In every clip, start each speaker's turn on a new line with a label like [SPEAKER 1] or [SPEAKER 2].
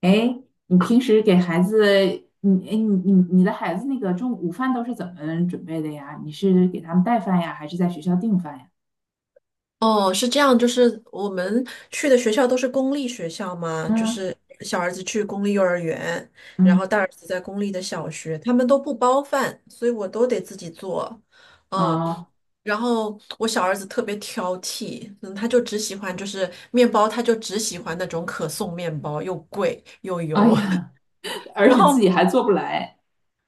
[SPEAKER 1] 哎，你平时给孩子，你哎你你你的孩子那个中午饭都是怎么准备的呀？你是给他们带饭呀，还是在学校订饭呀？
[SPEAKER 2] 哦，是这样，就是我们去的学校都是公立学校嘛，就
[SPEAKER 1] 嗯
[SPEAKER 2] 是小儿子去公立幼儿园，然后
[SPEAKER 1] 嗯。
[SPEAKER 2] 大儿子在公立的小学，他们都不包饭，所以我都得自己做。嗯，
[SPEAKER 1] 啊，
[SPEAKER 2] 然后我小儿子特别挑剔，嗯，他就只喜欢就是面包，他就只喜欢那种可颂面包，又贵又
[SPEAKER 1] 哎
[SPEAKER 2] 油。
[SPEAKER 1] 呀，而
[SPEAKER 2] 然
[SPEAKER 1] 且自
[SPEAKER 2] 后
[SPEAKER 1] 己还做不来。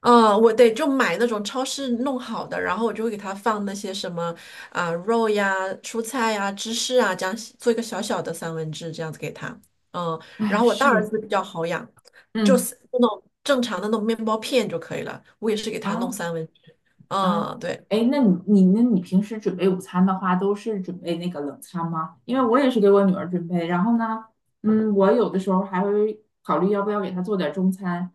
[SPEAKER 2] 嗯，我得就买那种超市弄好的，然后我就会给它放那些什么啊、肉呀、蔬菜呀、芝士啊，这样做一个小小的三文治，这样子给他。嗯，然
[SPEAKER 1] 哎，
[SPEAKER 2] 后我大儿
[SPEAKER 1] 是，
[SPEAKER 2] 子比较好养，就
[SPEAKER 1] 嗯，
[SPEAKER 2] 是那种正常的那种面包片就可以了。我也是给他弄
[SPEAKER 1] 啊，
[SPEAKER 2] 三文治。
[SPEAKER 1] 啊，
[SPEAKER 2] 嗯，对。
[SPEAKER 1] 哎，那你平时准备午餐的话，都是准备那个冷餐吗？因为我也是给我女儿准备，然后呢，嗯，我有的时候还会考虑要不要给她做点中餐。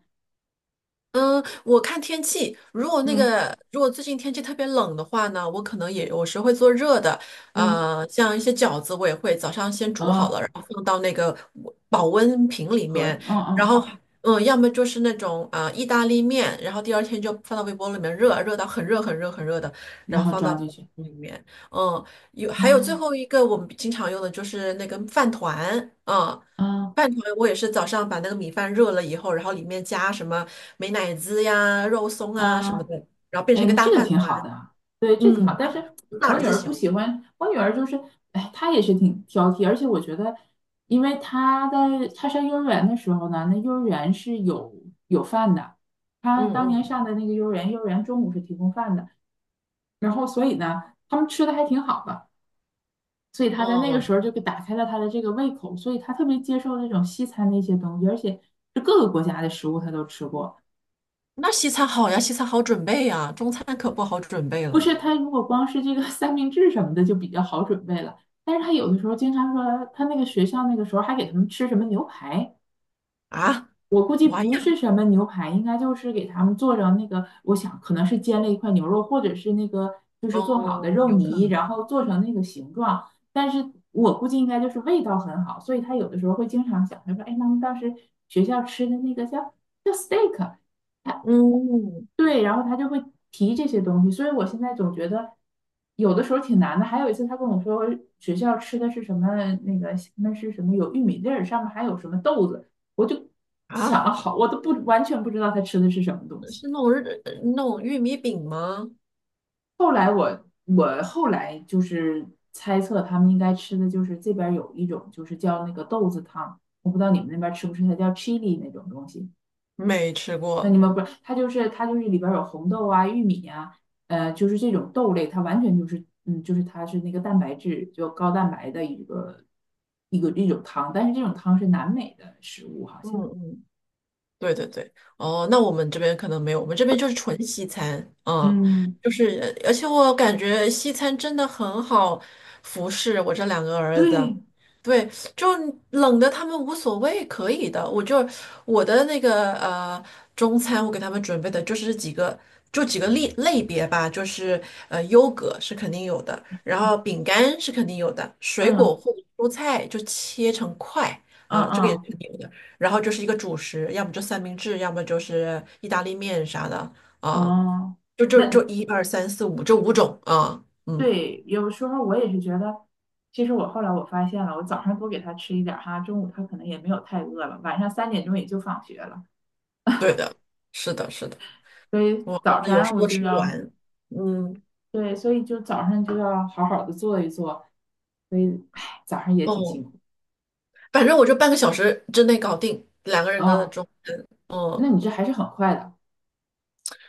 [SPEAKER 2] 嗯，我看天气，如果那
[SPEAKER 1] 嗯
[SPEAKER 2] 个如果最近天气特别冷的话呢，我可能也有时会做热的，
[SPEAKER 1] 嗯，
[SPEAKER 2] 像一些饺子我也会早上先煮好了，
[SPEAKER 1] 啊，
[SPEAKER 2] 然后放到那个保温瓶里
[SPEAKER 1] 合理，
[SPEAKER 2] 面，
[SPEAKER 1] 嗯
[SPEAKER 2] 然后
[SPEAKER 1] 嗯。
[SPEAKER 2] 嗯，要么就是那种啊、意大利面，然后第二天就放到微波炉里面热，热到很热很热很热的，然
[SPEAKER 1] 然
[SPEAKER 2] 后
[SPEAKER 1] 后
[SPEAKER 2] 放到
[SPEAKER 1] 装
[SPEAKER 2] 保
[SPEAKER 1] 进
[SPEAKER 2] 温
[SPEAKER 1] 去。
[SPEAKER 2] 瓶里面，嗯，还有最
[SPEAKER 1] 嗯
[SPEAKER 2] 后一个我们经常用的就是那个饭团，嗯。
[SPEAKER 1] 嗯
[SPEAKER 2] 饭团我也是早上把那个米饭热了以后，然后里面加什么美乃滋呀、肉松啊什
[SPEAKER 1] 嗯。
[SPEAKER 2] 么的，然后变成
[SPEAKER 1] 哎，
[SPEAKER 2] 一个
[SPEAKER 1] 那这
[SPEAKER 2] 大
[SPEAKER 1] 个
[SPEAKER 2] 饭
[SPEAKER 1] 挺好
[SPEAKER 2] 团。
[SPEAKER 1] 的啊，对，这挺好。
[SPEAKER 2] 嗯，
[SPEAKER 1] 但是
[SPEAKER 2] 大
[SPEAKER 1] 我
[SPEAKER 2] 儿
[SPEAKER 1] 女
[SPEAKER 2] 子
[SPEAKER 1] 儿
[SPEAKER 2] 喜
[SPEAKER 1] 不
[SPEAKER 2] 欢。
[SPEAKER 1] 喜欢，我女儿就是，哎，她也是挺挑剔，而且我觉得，因为她在她上幼儿园的时候呢，那幼儿园是有饭的，她
[SPEAKER 2] 嗯
[SPEAKER 1] 当
[SPEAKER 2] 嗯，
[SPEAKER 1] 年上的那个幼儿园，幼儿园中午是提供饭的，然后所以呢，他们吃的还挺好的。所以她在那个
[SPEAKER 2] 哦，
[SPEAKER 1] 时候就给打开了她的这个胃口，所以她特别接受那种西餐的一些东西，而且是各个国家的食物她都吃过。
[SPEAKER 2] 那西餐好呀，西餐好准备呀，中餐可不好准备
[SPEAKER 1] 不
[SPEAKER 2] 了
[SPEAKER 1] 是，他如果光是这个三明治什么的就比较好准备了，但是他有的时候经常说，他那个学校那个时候还给他们吃什么牛排。
[SPEAKER 2] 啊。
[SPEAKER 1] 我估计
[SPEAKER 2] 玩
[SPEAKER 1] 不
[SPEAKER 2] 呀，
[SPEAKER 1] 是什么牛排，应该就是给他们做成那个，我想可能是煎了一块牛肉，或者是那个就是做好的
[SPEAKER 2] 哦，
[SPEAKER 1] 肉
[SPEAKER 2] 有可
[SPEAKER 1] 泥，
[SPEAKER 2] 能。
[SPEAKER 1] 然后做成那个形状。但是我估计应该就是味道很好，所以他有的时候会经常讲，他说："哎，妈妈当时学校吃的那个叫steak。"他
[SPEAKER 2] 嗯，
[SPEAKER 1] 对，然后他就会提这些东西。所以我现在总觉得有的时候挺难的。还有一次他跟我说学校吃的是什么，那个那是什么有玉米粒儿，上面还有什么豆子。我就想
[SPEAKER 2] 啊，
[SPEAKER 1] 了好，我都不完全不知道他吃的是什么东西。
[SPEAKER 2] 是那种玉米饼吗？
[SPEAKER 1] 后来我就是猜测他们应该吃的就是这边有一种就是叫那个豆子汤，我不知道你们那边吃不吃，它叫 chili 那种东西。
[SPEAKER 2] 没吃
[SPEAKER 1] 那你
[SPEAKER 2] 过。
[SPEAKER 1] 们不是，它就是里边有红豆啊、玉米呀、就是这种豆类，它完全就是就是它是那个蛋白质就高蛋白的一个一种汤，但是这种汤是南美的食物好
[SPEAKER 2] 嗯
[SPEAKER 1] 像。
[SPEAKER 2] 嗯。对对对，哦，那我们这边可能没有，我们这边就是纯西餐，嗯，
[SPEAKER 1] 嗯，
[SPEAKER 2] 就是，而且我感觉西餐真的很好服侍我这两个儿子，
[SPEAKER 1] 对，
[SPEAKER 2] 对，就冷的他们无所谓，可以的，我的那个中餐，我给他们准备的就是几个。就几个类别吧，就是优格是肯定有的，然后饼干是肯定有的，水果
[SPEAKER 1] 嗯
[SPEAKER 2] 或者蔬菜就切成块
[SPEAKER 1] 嗯
[SPEAKER 2] 啊、这个也是
[SPEAKER 1] 嗯。
[SPEAKER 2] 肯定有的。然后就是一个主食，要么就三明治，要么就是意大利面啥的啊，
[SPEAKER 1] 哦，
[SPEAKER 2] 就就
[SPEAKER 1] 那
[SPEAKER 2] 就一二三四五这五种啊，嗯，
[SPEAKER 1] 对，有时候我也是觉得，其实我后来我发现了，我早上多给他吃一点儿哈，中午他可能也没有太饿了，晚上三点钟也就放学了，
[SPEAKER 2] 对的，是的，是的，
[SPEAKER 1] 所以
[SPEAKER 2] 我儿
[SPEAKER 1] 早
[SPEAKER 2] 子
[SPEAKER 1] 晨
[SPEAKER 2] 有时
[SPEAKER 1] 我
[SPEAKER 2] 候
[SPEAKER 1] 就
[SPEAKER 2] 吃不
[SPEAKER 1] 要，
[SPEAKER 2] 完，嗯，
[SPEAKER 1] 对，所以就早上就要好好的做一做，所以，唉，早上也挺辛
[SPEAKER 2] 哦，
[SPEAKER 1] 苦
[SPEAKER 2] 反正我就半个小时之内搞定两个人的
[SPEAKER 1] 啊。
[SPEAKER 2] 中餐，
[SPEAKER 1] 那
[SPEAKER 2] 嗯。
[SPEAKER 1] 你这还是很快的。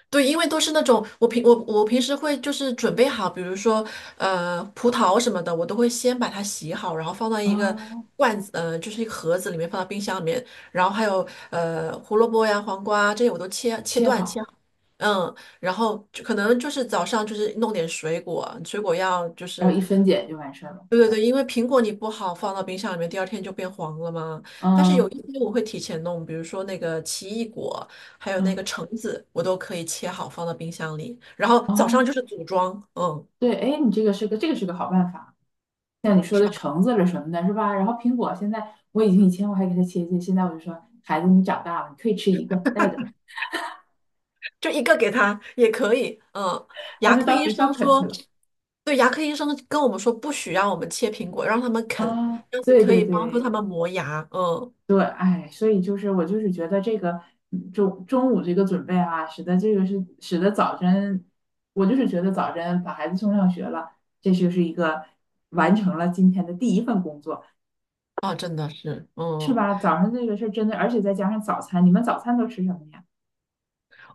[SPEAKER 2] 对，因为都是那种我平时会就是准备好，比如说葡萄什么的，我都会先把它洗好，然后放到一个
[SPEAKER 1] 哦，
[SPEAKER 2] 罐子，就是一个盒子里面，放到冰箱里面。然后还有胡萝卜呀、黄瓜这些我都切切
[SPEAKER 1] 切
[SPEAKER 2] 断切
[SPEAKER 1] 好，
[SPEAKER 2] 好，嗯，然后就可能就是早上就是弄点水果，水果要就
[SPEAKER 1] 然后
[SPEAKER 2] 是。
[SPEAKER 1] 一分解就完事儿了。
[SPEAKER 2] 对对对，因为苹果你不好放到冰箱里面，第二天就变黄了嘛。但是有
[SPEAKER 1] 嗯
[SPEAKER 2] 一些我会提前弄，比如说那个奇异果，还有那个
[SPEAKER 1] 嗯，
[SPEAKER 2] 橙子，我都可以切好放到冰箱里，然后早上
[SPEAKER 1] 哦，
[SPEAKER 2] 就是组装，嗯，
[SPEAKER 1] 对，哎，你这个是个好办法。像你说
[SPEAKER 2] 是
[SPEAKER 1] 的
[SPEAKER 2] 吧？
[SPEAKER 1] 橙子了什么的，是吧？然后苹果现在我已经以前我还给他切切，现在我就说孩子你长大了，你可以吃一个，带着吧。
[SPEAKER 2] 就一个给他也可以，嗯。
[SPEAKER 1] 他
[SPEAKER 2] 牙
[SPEAKER 1] 就
[SPEAKER 2] 科
[SPEAKER 1] 到
[SPEAKER 2] 医
[SPEAKER 1] 学校
[SPEAKER 2] 生
[SPEAKER 1] 啃去
[SPEAKER 2] 说，
[SPEAKER 1] 了。
[SPEAKER 2] 对，牙科医生跟我们说不许让我们切苹果，让他们啃，
[SPEAKER 1] 啊，
[SPEAKER 2] 这样子
[SPEAKER 1] 对
[SPEAKER 2] 可
[SPEAKER 1] 对
[SPEAKER 2] 以帮助
[SPEAKER 1] 对
[SPEAKER 2] 他们磨牙，嗯，
[SPEAKER 1] 对。哎，所以就是我就是觉得这个中午这个准备啊，使得这个是使得早晨，我就是觉得早晨把孩子送上学了，这就是一个完成了今天的第一份工作，
[SPEAKER 2] 啊，真的是，
[SPEAKER 1] 是
[SPEAKER 2] 嗯。
[SPEAKER 1] 吧？早上这个事儿真的，而且再加上早餐，你们早餐都吃什么呀？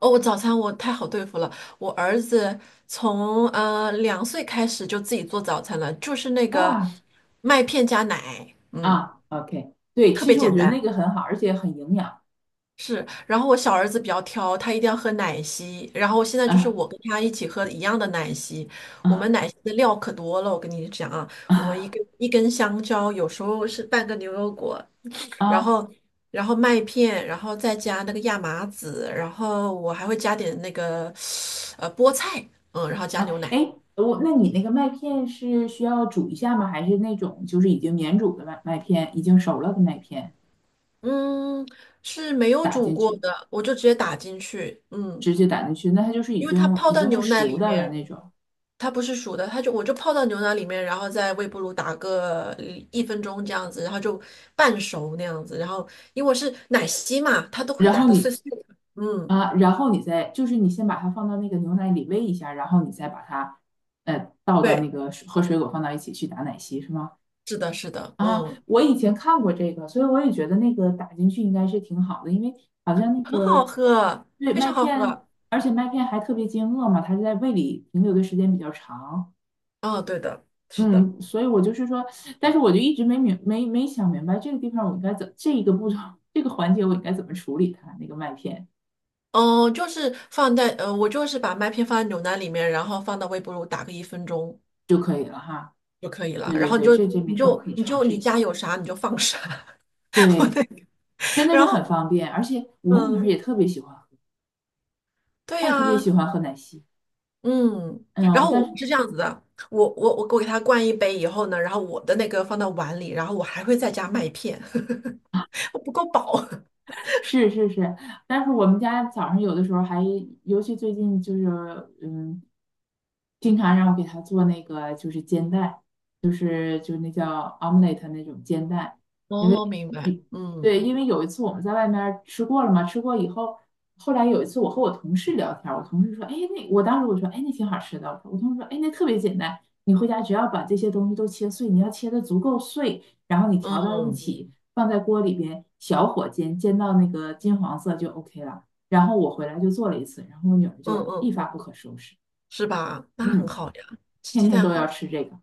[SPEAKER 2] 哦，我早餐我太好对付了。我儿子从2岁开始就自己做早餐了，就是那个
[SPEAKER 1] 啊，
[SPEAKER 2] 麦片加奶，嗯，
[SPEAKER 1] 啊，OK,对，
[SPEAKER 2] 特
[SPEAKER 1] 其
[SPEAKER 2] 别
[SPEAKER 1] 实我
[SPEAKER 2] 简
[SPEAKER 1] 觉得那
[SPEAKER 2] 单。
[SPEAKER 1] 个很好，而且很营养。
[SPEAKER 2] 是，然后我小儿子比较挑，他一定要喝奶昔，然后现在就是
[SPEAKER 1] 啊，
[SPEAKER 2] 我跟他一起喝一样的奶昔。我们
[SPEAKER 1] 啊，
[SPEAKER 2] 奶昔的料可多了，我跟你讲啊，我们一
[SPEAKER 1] 啊，
[SPEAKER 2] 根一根香蕉，有时候是半个牛油果，然
[SPEAKER 1] 啊，
[SPEAKER 2] 后然后麦片，然后再加那个亚麻籽，然后我还会加点那个菠菜，嗯，然后加
[SPEAKER 1] 啊！
[SPEAKER 2] 牛奶，
[SPEAKER 1] 哎，我那你那个麦片是需要煮一下吗？还是那种就是已经免煮的麦片，已经熟了的麦片
[SPEAKER 2] 嗯，是没有
[SPEAKER 1] 打
[SPEAKER 2] 煮
[SPEAKER 1] 进
[SPEAKER 2] 过
[SPEAKER 1] 去，
[SPEAKER 2] 的，我就直接打进去，嗯，
[SPEAKER 1] 直接打进去？那它就是已
[SPEAKER 2] 因为它
[SPEAKER 1] 经
[SPEAKER 2] 泡
[SPEAKER 1] 已
[SPEAKER 2] 到
[SPEAKER 1] 经是
[SPEAKER 2] 牛奶
[SPEAKER 1] 熟
[SPEAKER 2] 里
[SPEAKER 1] 的了
[SPEAKER 2] 面，
[SPEAKER 1] 那种。
[SPEAKER 2] 它不是熟的，我就泡到牛奶里面，然后在微波炉打个一分钟这样子，然后就半熟那样子，然后因为我是奶昔嘛，它都会
[SPEAKER 1] 然
[SPEAKER 2] 打
[SPEAKER 1] 后
[SPEAKER 2] 的
[SPEAKER 1] 你，
[SPEAKER 2] 碎碎的，嗯，
[SPEAKER 1] 啊，然后你再就是你先把它放到那个牛奶里喂一下，然后你再把它倒到那
[SPEAKER 2] 对，
[SPEAKER 1] 个水和水果放到一起去打奶昔，是吗？
[SPEAKER 2] 是的，是的，
[SPEAKER 1] 啊，
[SPEAKER 2] 嗯。
[SPEAKER 1] 我以前看过这个，所以我也觉得那个打进去应该是挺好的，因为好像那
[SPEAKER 2] 很好
[SPEAKER 1] 个
[SPEAKER 2] 喝，
[SPEAKER 1] 对
[SPEAKER 2] 非
[SPEAKER 1] 麦
[SPEAKER 2] 常好
[SPEAKER 1] 片，
[SPEAKER 2] 喝。
[SPEAKER 1] 而且麦片还特别经饿嘛，它在胃里停留的时间比较长。
[SPEAKER 2] 哦，对的，是的。
[SPEAKER 1] 嗯，所以我就是说，但是我就一直没想明白这个地方我应该怎这一个步骤这个环节我应该怎么处理它那个麦片
[SPEAKER 2] 哦，就是放在我就是把麦片放在牛奶里面，然后放到微波炉打个一分钟
[SPEAKER 1] 就可以了哈。
[SPEAKER 2] 就可以了。
[SPEAKER 1] 对
[SPEAKER 2] 然
[SPEAKER 1] 对
[SPEAKER 2] 后你
[SPEAKER 1] 对，
[SPEAKER 2] 就
[SPEAKER 1] 这
[SPEAKER 2] 你
[SPEAKER 1] 明天我
[SPEAKER 2] 就
[SPEAKER 1] 可以
[SPEAKER 2] 你
[SPEAKER 1] 尝
[SPEAKER 2] 就
[SPEAKER 1] 试
[SPEAKER 2] 你
[SPEAKER 1] 一下。
[SPEAKER 2] 家有啥你就放啥，我
[SPEAKER 1] 对，
[SPEAKER 2] 那个。
[SPEAKER 1] 真的是
[SPEAKER 2] 然后
[SPEAKER 1] 很方便，而且我女儿也
[SPEAKER 2] 嗯，
[SPEAKER 1] 特别喜欢喝，
[SPEAKER 2] 对
[SPEAKER 1] 她也特别
[SPEAKER 2] 呀、
[SPEAKER 1] 喜欢喝奶昔。
[SPEAKER 2] 嗯。然
[SPEAKER 1] 嗯，
[SPEAKER 2] 后
[SPEAKER 1] 但
[SPEAKER 2] 我
[SPEAKER 1] 是
[SPEAKER 2] 是这样子的，我给它灌一杯以后呢，然后我的那个放到碗里，然后我还会再加麦片，我不够饱。
[SPEAKER 1] 是是是，但是我们家早上有的时候还，尤其最近就是，嗯，经常让我给他做那个就是煎蛋，就是那叫 omelette 那种煎蛋，因为
[SPEAKER 2] 哦，明白。
[SPEAKER 1] 一
[SPEAKER 2] 嗯
[SPEAKER 1] 对，因为有一次我们在外面儿吃过了嘛，吃过以后，后来有一次我和我同事聊天儿，我同事说，哎，那我当时我说，哎，那挺好吃的，我说我同事说，哎，那特别简单，你回家只要把这些东西都切碎，你要切的足够碎，然后你调到一
[SPEAKER 2] 嗯
[SPEAKER 1] 起。放在锅里边，小火煎，煎到那个金黄色就 OK 了。然后我回来就做了一次，然后我女儿
[SPEAKER 2] 嗯
[SPEAKER 1] 就一
[SPEAKER 2] 嗯。
[SPEAKER 1] 发不可收拾，
[SPEAKER 2] 是吧？那很
[SPEAKER 1] 嗯，
[SPEAKER 2] 好呀，吃
[SPEAKER 1] 天
[SPEAKER 2] 鸡
[SPEAKER 1] 天
[SPEAKER 2] 蛋
[SPEAKER 1] 都要
[SPEAKER 2] 好。
[SPEAKER 1] 吃这个。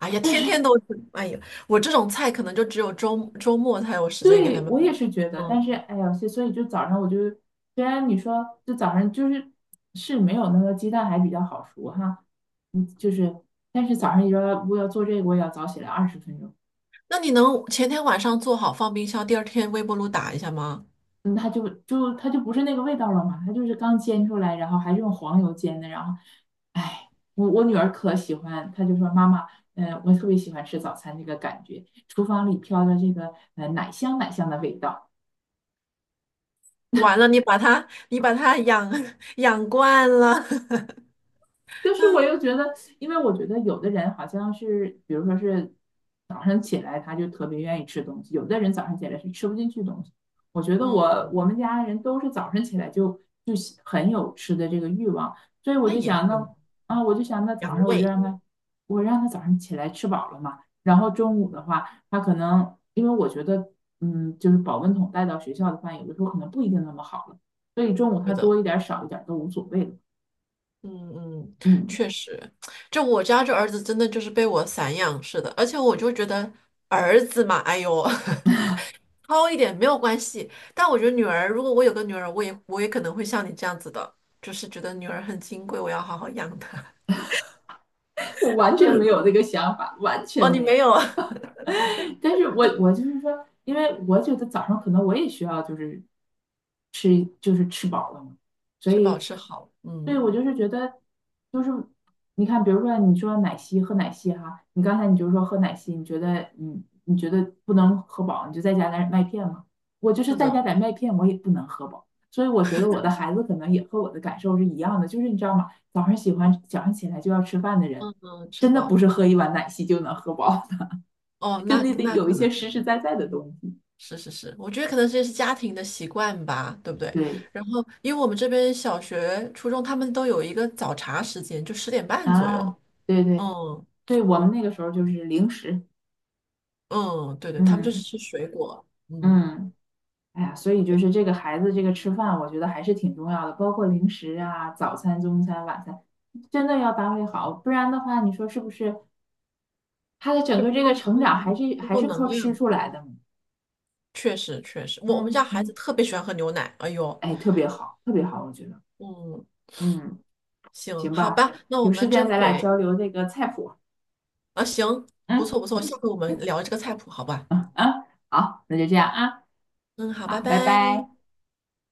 [SPEAKER 2] 哎呀，天天都吃，哎呀，我这种菜可能就只有周末才有时间给他
[SPEAKER 1] 对，
[SPEAKER 2] 们。
[SPEAKER 1] 我也是觉得，但
[SPEAKER 2] 嗯，
[SPEAKER 1] 是哎呀，所以就早上我就，虽然你说就早上就是是没有那个鸡蛋还比较好熟哈，嗯，就是，但是早上你说我要做这个，我也要早起来20分钟，
[SPEAKER 2] 那你能前天晚上做好放冰箱，第二天微波炉打一下吗？
[SPEAKER 1] 嗯，它就不是那个味道了嘛，它就是刚煎出来，然后还是用黄油煎的，然后哎，我女儿可喜欢，她就说妈妈，嗯、我特别喜欢吃早餐这个感觉，厨房里飘着这个奶香奶香的味道。
[SPEAKER 2] 完了，你把它养 养惯了。
[SPEAKER 1] 就是我又 觉得，因为我觉得有的人好像是，比如说是早上起来他就特别愿意吃东西，有的人早上起来是吃不进去东西。我觉得我我
[SPEAKER 2] 嗯，
[SPEAKER 1] 们家人都是早上起来就就很有吃的这个欲望，所以我
[SPEAKER 2] 那
[SPEAKER 1] 就
[SPEAKER 2] 也
[SPEAKER 1] 想那，
[SPEAKER 2] 行，
[SPEAKER 1] 啊，我就想那早
[SPEAKER 2] 养
[SPEAKER 1] 上我就
[SPEAKER 2] 胃，
[SPEAKER 1] 让他，我让他早上起来吃饱了嘛，然后中午的话，他可能因为我觉得嗯，就是保温桶带到学校的饭有的时候可能不一定那么好了，所以中午
[SPEAKER 2] 对
[SPEAKER 1] 他
[SPEAKER 2] 的。
[SPEAKER 1] 多一点儿少一点儿都无所谓了，
[SPEAKER 2] 嗯嗯，
[SPEAKER 1] 嗯。
[SPEAKER 2] 确实，就我家这儿子真的就是被我散养似的，而且我就觉得儿子嘛，哎呦。糙一点没有关系，但我觉得女儿，如果我有个女儿，我也可能会像你这样子的，就是觉得女儿很金贵，我要好好养她。
[SPEAKER 1] 我完全没有 这个想法，完全
[SPEAKER 2] 哦，你
[SPEAKER 1] 没有。
[SPEAKER 2] 没有啊？
[SPEAKER 1] 但是我就是说，因为我觉得早上可能我也需要就是就是吃饱了嘛。所
[SPEAKER 2] 吃饱
[SPEAKER 1] 以，
[SPEAKER 2] 吃好，
[SPEAKER 1] 对，
[SPEAKER 2] 嗯，
[SPEAKER 1] 我就是觉得，就是你看，比如说你说奶昔喝奶昔哈，你刚才你就说喝奶昔，你觉得你觉得不能喝饱，你就再加点麦片嘛。我就是
[SPEAKER 2] 是
[SPEAKER 1] 再加
[SPEAKER 2] 的，
[SPEAKER 1] 点麦片，我也不能喝饱。所以我觉得我的孩子可能也和我的感受是一样的，就是你知道吗？早上喜欢早上起来就要吃饭的人，
[SPEAKER 2] 嗯嗯，吃
[SPEAKER 1] 真的不
[SPEAKER 2] 饱。
[SPEAKER 1] 是喝一碗奶昔就能喝饱，
[SPEAKER 2] 哦，
[SPEAKER 1] 就
[SPEAKER 2] 那
[SPEAKER 1] 那得
[SPEAKER 2] 那
[SPEAKER 1] 有一
[SPEAKER 2] 可
[SPEAKER 1] 些
[SPEAKER 2] 能
[SPEAKER 1] 实实在在的东西。
[SPEAKER 2] 是是是，我觉得可能这是家庭的习惯吧，对不对？
[SPEAKER 1] 对
[SPEAKER 2] 然后，因为我们这边小学、初中他们都有一个早茶时间，就10:30左
[SPEAKER 1] 啊，
[SPEAKER 2] 右。
[SPEAKER 1] 对对
[SPEAKER 2] 嗯
[SPEAKER 1] 对，我们那个时候就是零食，
[SPEAKER 2] 嗯，对对，他们就是
[SPEAKER 1] 嗯
[SPEAKER 2] 吃水果，嗯，
[SPEAKER 1] 嗯，哎呀，所以就
[SPEAKER 2] 对，
[SPEAKER 1] 是这个孩子这个吃饭，我觉得还是挺重要的，包括零食啊、早餐、中餐、晚餐，真的要搭配好，不然的话，你说是不是他的整
[SPEAKER 2] 就
[SPEAKER 1] 个这个成长还是
[SPEAKER 2] 不
[SPEAKER 1] 还
[SPEAKER 2] 够
[SPEAKER 1] 是靠
[SPEAKER 2] 能
[SPEAKER 1] 吃
[SPEAKER 2] 量。
[SPEAKER 1] 出来的嘛？
[SPEAKER 2] 确实确实，我们家
[SPEAKER 1] 嗯
[SPEAKER 2] 孩子
[SPEAKER 1] 嗯，
[SPEAKER 2] 特别喜欢喝牛奶。哎呦，
[SPEAKER 1] 哎，特别好，特别好，我觉得，
[SPEAKER 2] 嗯，
[SPEAKER 1] 嗯，
[SPEAKER 2] 行，
[SPEAKER 1] 行
[SPEAKER 2] 好
[SPEAKER 1] 吧，
[SPEAKER 2] 吧，那我
[SPEAKER 1] 有
[SPEAKER 2] 们
[SPEAKER 1] 时
[SPEAKER 2] 这
[SPEAKER 1] 间咱俩
[SPEAKER 2] 回
[SPEAKER 1] 交流这个菜谱，
[SPEAKER 2] 啊，行，不
[SPEAKER 1] 嗯
[SPEAKER 2] 错不错，
[SPEAKER 1] 嗯
[SPEAKER 2] 下回我们
[SPEAKER 1] 嗯
[SPEAKER 2] 聊这个菜谱，好吧？
[SPEAKER 1] 嗯，嗯好，那就这样啊，
[SPEAKER 2] 嗯，好，拜
[SPEAKER 1] 好，拜
[SPEAKER 2] 拜。
[SPEAKER 1] 拜。